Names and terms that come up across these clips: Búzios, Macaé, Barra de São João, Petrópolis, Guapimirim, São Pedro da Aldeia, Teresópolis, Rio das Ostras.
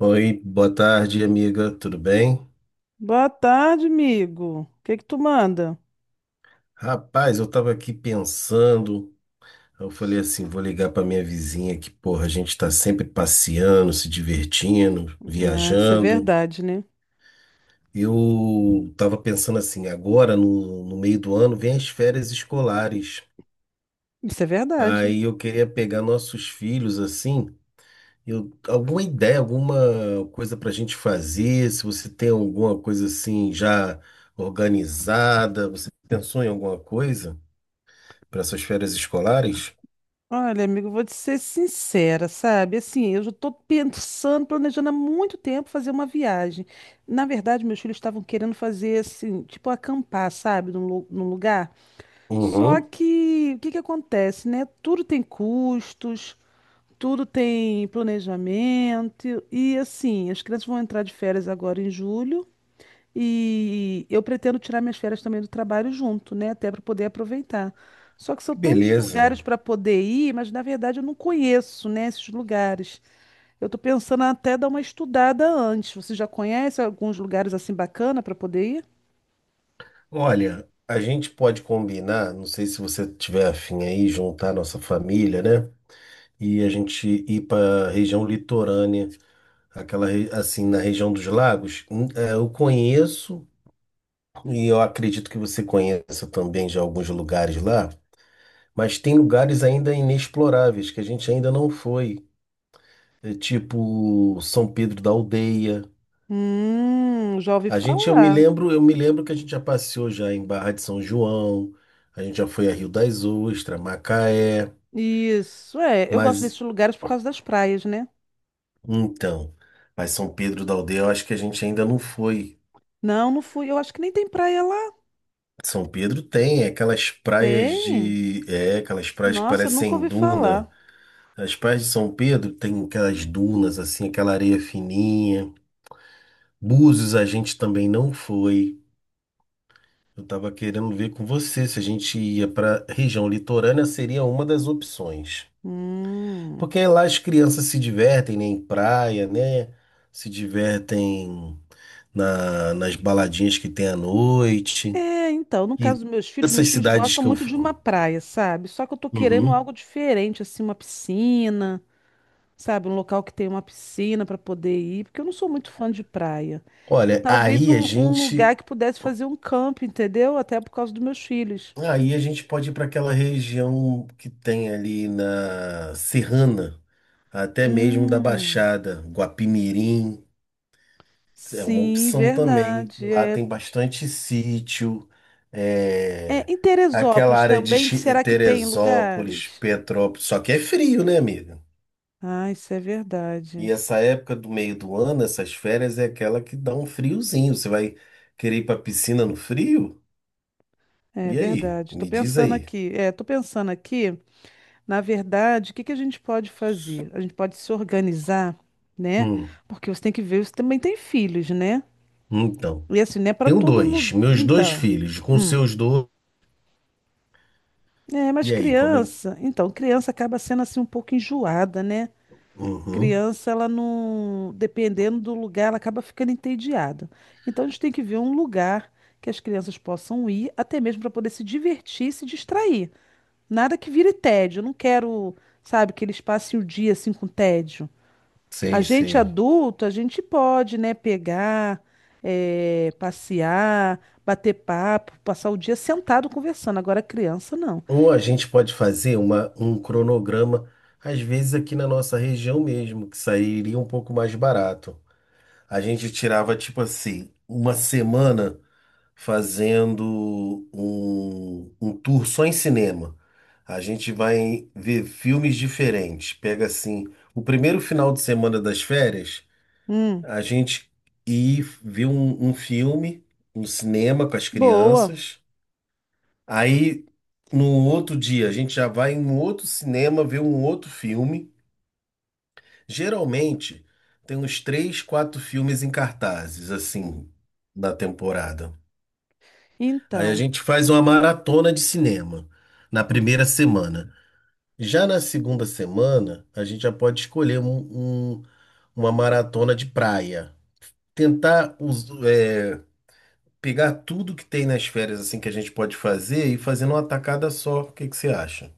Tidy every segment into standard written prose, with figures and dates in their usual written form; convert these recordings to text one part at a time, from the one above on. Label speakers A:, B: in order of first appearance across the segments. A: Oi, boa tarde, amiga. Tudo bem?
B: Boa tarde, amigo. O que que tu manda?
A: Rapaz, eu tava aqui pensando, eu falei assim, vou ligar pra minha vizinha que, porra, a gente tá sempre passeando, se divertindo,
B: Ah, isso é
A: viajando.
B: verdade, né?
A: Eu tava pensando assim, agora no meio do ano vem as férias escolares.
B: Isso é verdade.
A: Aí eu queria pegar nossos filhos assim, eu, alguma ideia, alguma coisa pra gente fazer, se você tem alguma coisa assim já organizada, você pensou em alguma coisa para suas férias escolares?
B: Olha, amigo, vou te ser sincera, sabe? Assim, eu já tô pensando, planejando há muito tempo fazer uma viagem. Na verdade, meus filhos estavam querendo fazer, assim, tipo acampar, sabe? Num lugar. Só
A: Uhum.
B: que, o que que acontece, né? Tudo tem planejamento. E, assim, as crianças vão entrar de férias agora em julho. E eu pretendo tirar minhas férias também do trabalho junto, né? Até para poder aproveitar. Só que são tantos
A: Beleza.
B: lugares para poder ir, mas na verdade eu não conheço, né, esses lugares. Eu estou pensando até dar uma estudada antes. Você já conhece alguns lugares assim bacana para poder ir?
A: Olha, a gente pode combinar, não sei se você tiver afim aí, juntar a nossa família, né? E a gente ir para a região litorânea, assim, na região dos lagos. É, eu conheço e eu acredito que você conheça também já alguns lugares lá, mas tem lugares ainda inexploráveis que a gente ainda não foi. É tipo São Pedro da Aldeia.
B: Já ouvi
A: A gente, eu me
B: falar.
A: lembro, eu me lembro que a gente já passeou já em Barra de São João, a gente já foi a Rio das Ostras, Macaé,
B: Isso, é. Eu gosto
A: mas
B: desses lugares por causa das praias, né?
A: então, mas São Pedro da Aldeia, eu acho que a gente ainda não foi.
B: Não, não fui. Eu acho que nem tem praia lá.
A: São Pedro tem é aquelas praias
B: Tem?
A: de, é, aquelas praias que
B: Nossa, eu nunca
A: parecem
B: ouvi
A: duna.
B: falar.
A: As praias de São Pedro tem aquelas dunas assim, aquela areia fininha. Búzios a gente também não foi. Eu estava querendo ver com você se a gente ia para região litorânea, seria uma das opções.
B: Hum.
A: Porque lá as crianças se divertem, né, em praia, né? Se divertem nas baladinhas que tem à noite.
B: É, então, no
A: E
B: caso dos meus
A: essas
B: filhos
A: cidades
B: gostam
A: que
B: muito de uma praia, sabe? Só que eu tô querendo
A: uhum.
B: algo diferente, assim, uma piscina, sabe? Um local que tenha uma piscina para poder ir, porque eu não sou muito fã de praia. E
A: Olha,
B: talvez
A: aí a
B: um
A: gente.
B: lugar que pudesse fazer um campo, entendeu? Até por causa dos meus filhos.
A: Aí a gente pode ir para aquela região que tem ali na Serrana, até mesmo da
B: Hum,
A: Baixada, Guapimirim. É uma
B: sim,
A: opção também, que
B: verdade.
A: lá tem bastante sítio, é,
B: Em
A: aquela
B: Teresópolis
A: área de
B: também, será que tem
A: Teresópolis,
B: lugares?
A: Petrópolis, só que é frio, né, amiga?
B: Ah, isso é
A: E
B: verdade.
A: essa época do meio do ano, essas férias, é aquela que dá um friozinho. Você vai querer ir pra piscina no frio?
B: É
A: E aí?
B: verdade. Tô
A: Me diz
B: pensando
A: aí.
B: aqui. É, tô pensando aqui. Na verdade, o que que a gente pode fazer? A gente pode se organizar, né?
A: Hum,
B: Porque você tem que ver, você também tem filhos, né?
A: então,
B: E assim, não é para
A: tenho
B: todo lugar.
A: dois, meus dois
B: Então,
A: filhos, com
B: hum.
A: seus dois.
B: É, mas
A: E aí, como é?
B: criança, então, criança acaba sendo assim um pouco enjoada, né?
A: Uhum,
B: Criança, ela não, dependendo do lugar, ela acaba ficando entediada. Então, a gente tem que ver um lugar que as crianças possam ir, até mesmo para poder se divertir, e se distrair. Nada que vire tédio. Eu não quero, sabe, que eles passem o dia assim com tédio. A
A: sei,
B: gente
A: sei.
B: adulto, a gente pode, né, pegar, passear, bater papo, passar o dia sentado conversando. Agora criança não.
A: Ou a gente pode fazer um cronograma, às vezes aqui na nossa região mesmo, que sairia um pouco mais barato. A gente tirava, tipo assim, uma semana fazendo um tour só em cinema. A gente vai ver filmes diferentes. Pega assim, o primeiro final de semana das férias,
B: Hum,
A: a gente ir ver um filme no cinema com as
B: boa.
A: crianças. Aí, no outro dia, a gente já vai em um outro cinema ver um outro filme. Geralmente, tem uns três, quatro filmes em cartazes, assim, na temporada. Aí a
B: Então,
A: gente faz uma maratona de cinema na primeira semana. Já na segunda semana, a gente já pode escolher uma maratona de praia. É, pegar tudo que tem nas férias assim que a gente pode fazer e fazer numa tacada só. O que que você acha?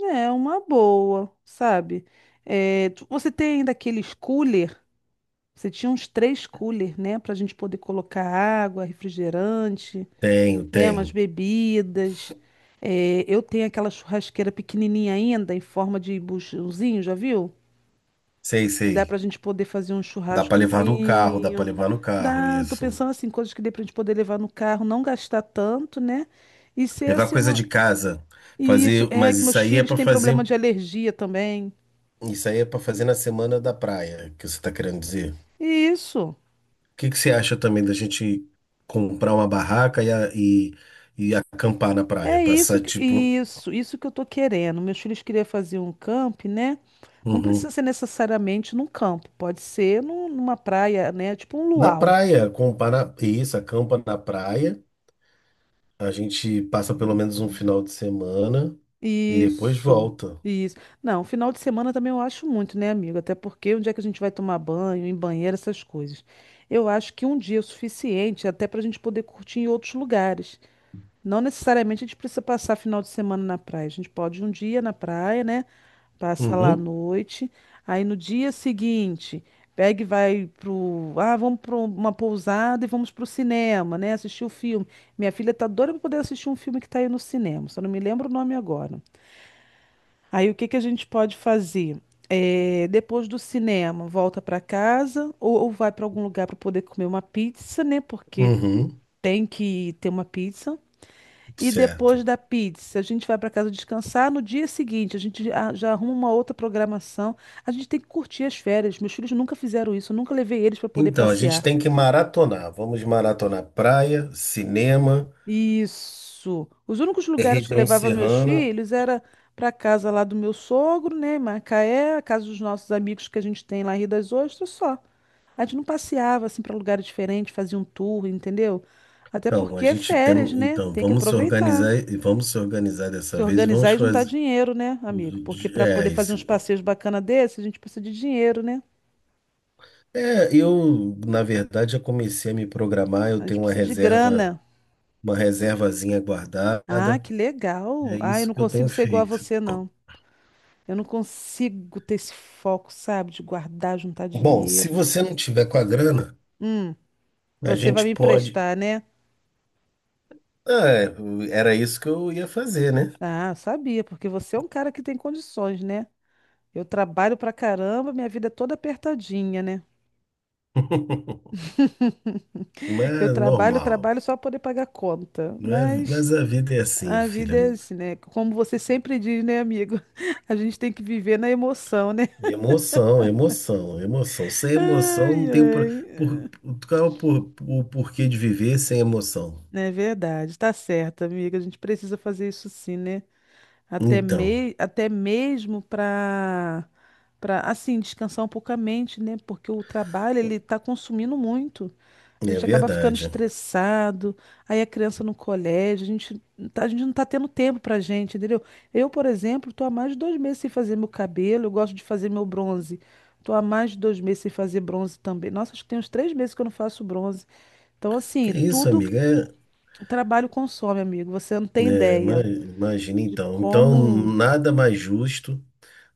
B: é uma boa, sabe? Você tem ainda aqueles cooler? Você tinha uns três cooler, né, para a gente poder colocar água, refrigerante,
A: Tenho,
B: né, umas
A: tenho.
B: bebidas. Eu tenho aquela churrasqueira pequenininha ainda em forma de buchãozinho, já viu?
A: Sei,
B: Dá
A: sei.
B: pra gente poder fazer um
A: Dá pra levar no carro, dá pra
B: churrascozinho.
A: levar no carro,
B: Dá, tô
A: isso.
B: pensando assim, coisas que dê pra gente poder levar no carro, não gastar tanto, né? E ser
A: Levar
B: assim
A: coisa de
B: uma.
A: casa,
B: Isso,
A: fazer,
B: é
A: mas
B: que meus filhos têm problema de alergia também.
A: isso aí é para fazer na semana da praia, que você tá querendo dizer. O
B: Isso.
A: que que você acha também da gente comprar uma barraca e e acampar na praia,
B: É
A: passar
B: isso,
A: tipo,
B: isso, isso que eu tô querendo. Meus filhos queriam fazer um camp, né? Não precisa
A: uhum.
B: ser necessariamente num campo, pode ser numa praia, né? Tipo um
A: Na
B: luau.
A: praia, acampar na, isso, acampa na praia. A gente passa pelo menos um final de semana e depois
B: Isso,
A: volta.
B: isso. Não, final de semana também eu acho muito, né, amigo? Até porque onde é que a gente vai tomar banho, em banheiro, essas coisas. Eu acho que um dia é o suficiente até para a gente poder curtir em outros lugares. Não necessariamente a gente precisa passar final de semana na praia. A gente pode ir um dia na praia, né? Passa lá à
A: Uhum.
B: noite. Aí no dia seguinte, pega e vai pro. Ah, vamos para uma pousada e vamos pro cinema, né? Assistir o filme. Minha filha tá doida para poder assistir um filme que tá aí no cinema. Só não me lembro o nome agora. Aí o que que a gente pode fazer? É, depois do cinema, volta para casa ou vai para algum lugar para poder comer uma pizza, né? Porque
A: Uhum.
B: tem que ter uma pizza. E depois da
A: Certo.
B: pizza, a gente vai para casa descansar. No dia seguinte, já arruma uma outra programação. A gente tem que curtir as férias. Meus filhos nunca fizeram isso. Eu nunca levei eles para poder
A: Então, a gente
B: passear.
A: tem que maratonar. Vamos maratonar praia, cinema,
B: Isso. Os únicos lugares que eu
A: região
B: levava meus
A: serrana.
B: filhos era para casa lá do meu sogro, né, em Macaé, a casa dos nossos amigos que a gente tem lá em Rio das Ostras, só. A gente não passeava assim para lugares diferentes, fazia um tour, entendeu? Até
A: Então, a
B: porque é
A: gente tem,
B: férias, né?
A: então,
B: Tem que aproveitar,
A: vamos se organizar
B: se
A: dessa vez e vamos
B: organizar e juntar
A: fazer.
B: dinheiro, né, amigo? Porque para
A: É,
B: poder fazer uns
A: isso.
B: passeios bacana desses, a gente precisa de dinheiro, né?
A: É, eu, na verdade, já comecei a me programar,
B: A
A: eu
B: gente
A: tenho uma
B: precisa de
A: reserva,
B: grana.
A: uma reservazinha
B: Ah,
A: guardada.
B: que legal.
A: É
B: Ah, eu
A: isso
B: não
A: que eu tenho
B: consigo ser igual a
A: feito.
B: você, não. Eu não consigo ter esse foco, sabe, de guardar, juntar
A: Bom, se
B: dinheiro.
A: você não tiver com a grana,
B: Hum,
A: a
B: você vai
A: gente
B: me
A: pode.
B: emprestar, né?
A: Ah, é, era isso que eu ia fazer, né?
B: Ah, eu sabia, porque você é um cara que tem condições, né? Eu trabalho pra caramba, minha vida é toda apertadinha, né?
A: Mas
B: Eu
A: é
B: trabalho,
A: normal.
B: trabalho só para poder pagar conta.
A: Não é-
B: Mas
A: mas a vida é assim,
B: a
A: filha.
B: vida é assim, né? Como você sempre diz, né, amigo? A gente tem que viver na emoção, né?
A: Emoção, emoção, emoção. Sem emoção não
B: Ai,
A: tem
B: ai.
A: por,
B: É
A: qual é o porquê de viver sem emoção.
B: É verdade, tá certo, amiga. A gente precisa fazer isso sim, né?
A: Então,
B: Até mesmo para assim descansar um pouco a mente, né? Porque o trabalho ele está consumindo muito. A
A: é
B: gente acaba ficando
A: verdade.
B: estressado, aí a criança no colégio, a gente, a gente não está tendo tempo para gente, entendeu? Eu, por exemplo, estou há mais de dois meses sem fazer meu cabelo, eu gosto de fazer meu bronze. Estou há mais de dois meses sem fazer bronze também. Nossa, acho que tem uns três meses que eu não faço bronze. Então,
A: Que
B: assim,
A: isso,
B: tudo
A: amiga? É,
B: trabalho consome, amigo. Você não tem
A: é,
B: ideia
A: imagina
B: de
A: então. Então,
B: como.
A: nada mais justo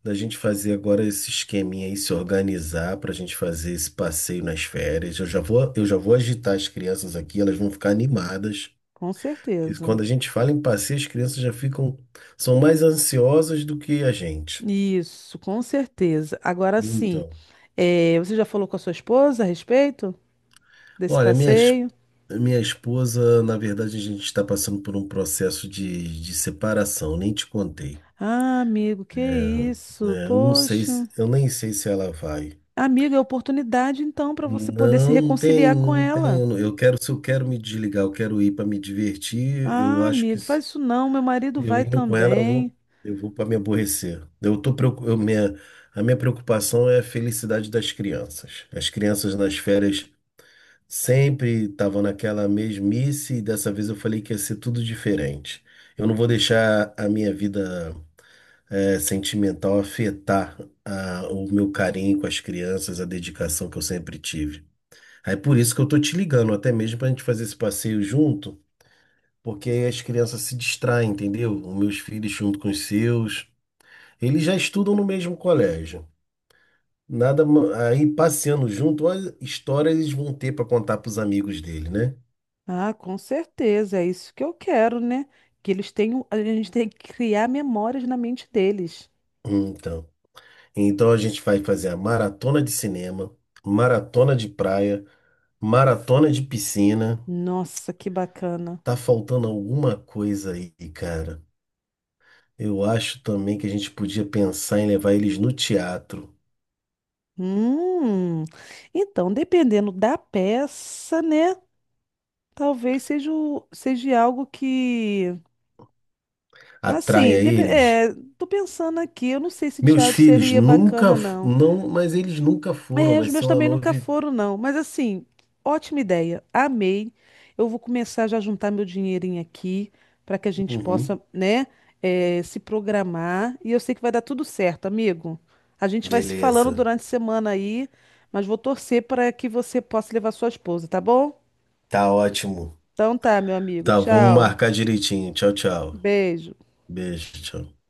A: da gente fazer agora esse esqueminha aí, se organizar para a gente fazer esse passeio nas férias. Eu já vou agitar as crianças aqui, elas vão ficar animadas.
B: Com
A: Que
B: certeza.
A: quando a gente fala em passeio, as crianças já ficam, são mais ansiosas do que a gente.
B: Isso, com certeza. Agora sim,
A: Então,
B: você já falou com a sua esposa a respeito desse
A: olha,
B: passeio?
A: minha esposa, na verdade, a gente está passando por um processo de separação, nem te contei.
B: Ah, amigo, que
A: É,
B: isso?
A: é, eu não sei,
B: Poxa.
A: eu nem sei se ela vai.
B: Amigo, é oportunidade então para você poder se
A: Não, não tem,
B: reconciliar com
A: não tem.
B: ela.
A: Eu quero, se eu quero me desligar, eu quero ir para me divertir. Eu
B: Ah,
A: acho que
B: amigo, faz isso não, meu marido
A: eu
B: vai
A: indo com ela,
B: também.
A: eu vou para me aborrecer. Eu tô, a minha preocupação é a felicidade das crianças. As crianças nas férias sempre estavam naquela mesmice e dessa vez eu falei que ia ser tudo diferente. Eu não vou deixar a minha vida sentimental afetar o meu carinho com as crianças, a dedicação que eu sempre tive. Aí por isso que eu tô te ligando, até mesmo para a gente fazer esse passeio junto porque aí as crianças se distraem, entendeu? Os meus filhos junto com os seus, eles já estudam no mesmo colégio. Nada, ma- aí passeando junto, olha, histórias eles vão ter para contar para os amigos dele, né?
B: Ah, com certeza, é isso que eu quero, né? Que eles tenham, a gente tem que criar memórias na mente deles.
A: Então, então a gente vai fazer a maratona de cinema, maratona de praia, maratona de piscina.
B: Nossa, que bacana.
A: Tá faltando alguma coisa aí, cara. Eu acho também que a gente podia pensar em levar eles no teatro.
B: Hum, então, dependendo da peça, né? Talvez seja, o- seja algo que. Assim,
A: Atraia eles.
B: é, tô pensando aqui, eu não sei se
A: Meus
B: teatro
A: filhos
B: seria
A: nunca,
B: bacana,
A: f-
B: não.
A: não, mas eles nunca foram.
B: É, os
A: Vai ser
B: meus
A: uma
B: também nunca
A: novidade.
B: foram, não. Mas assim, ótima ideia. Amei. Eu vou começar já a juntar meu dinheirinho aqui para que a gente possa, né, se programar. E eu sei que vai dar tudo certo, amigo. A gente vai se falando
A: Beleza.
B: durante a semana aí, mas vou torcer para que você possa levar sua esposa, tá bom?
A: Tá ótimo.
B: Então tá, meu amigo.
A: Tá, vamos
B: Tchau.
A: marcar direitinho. Tchau, tchau.
B: Beijo.
A: Beijo, tchau.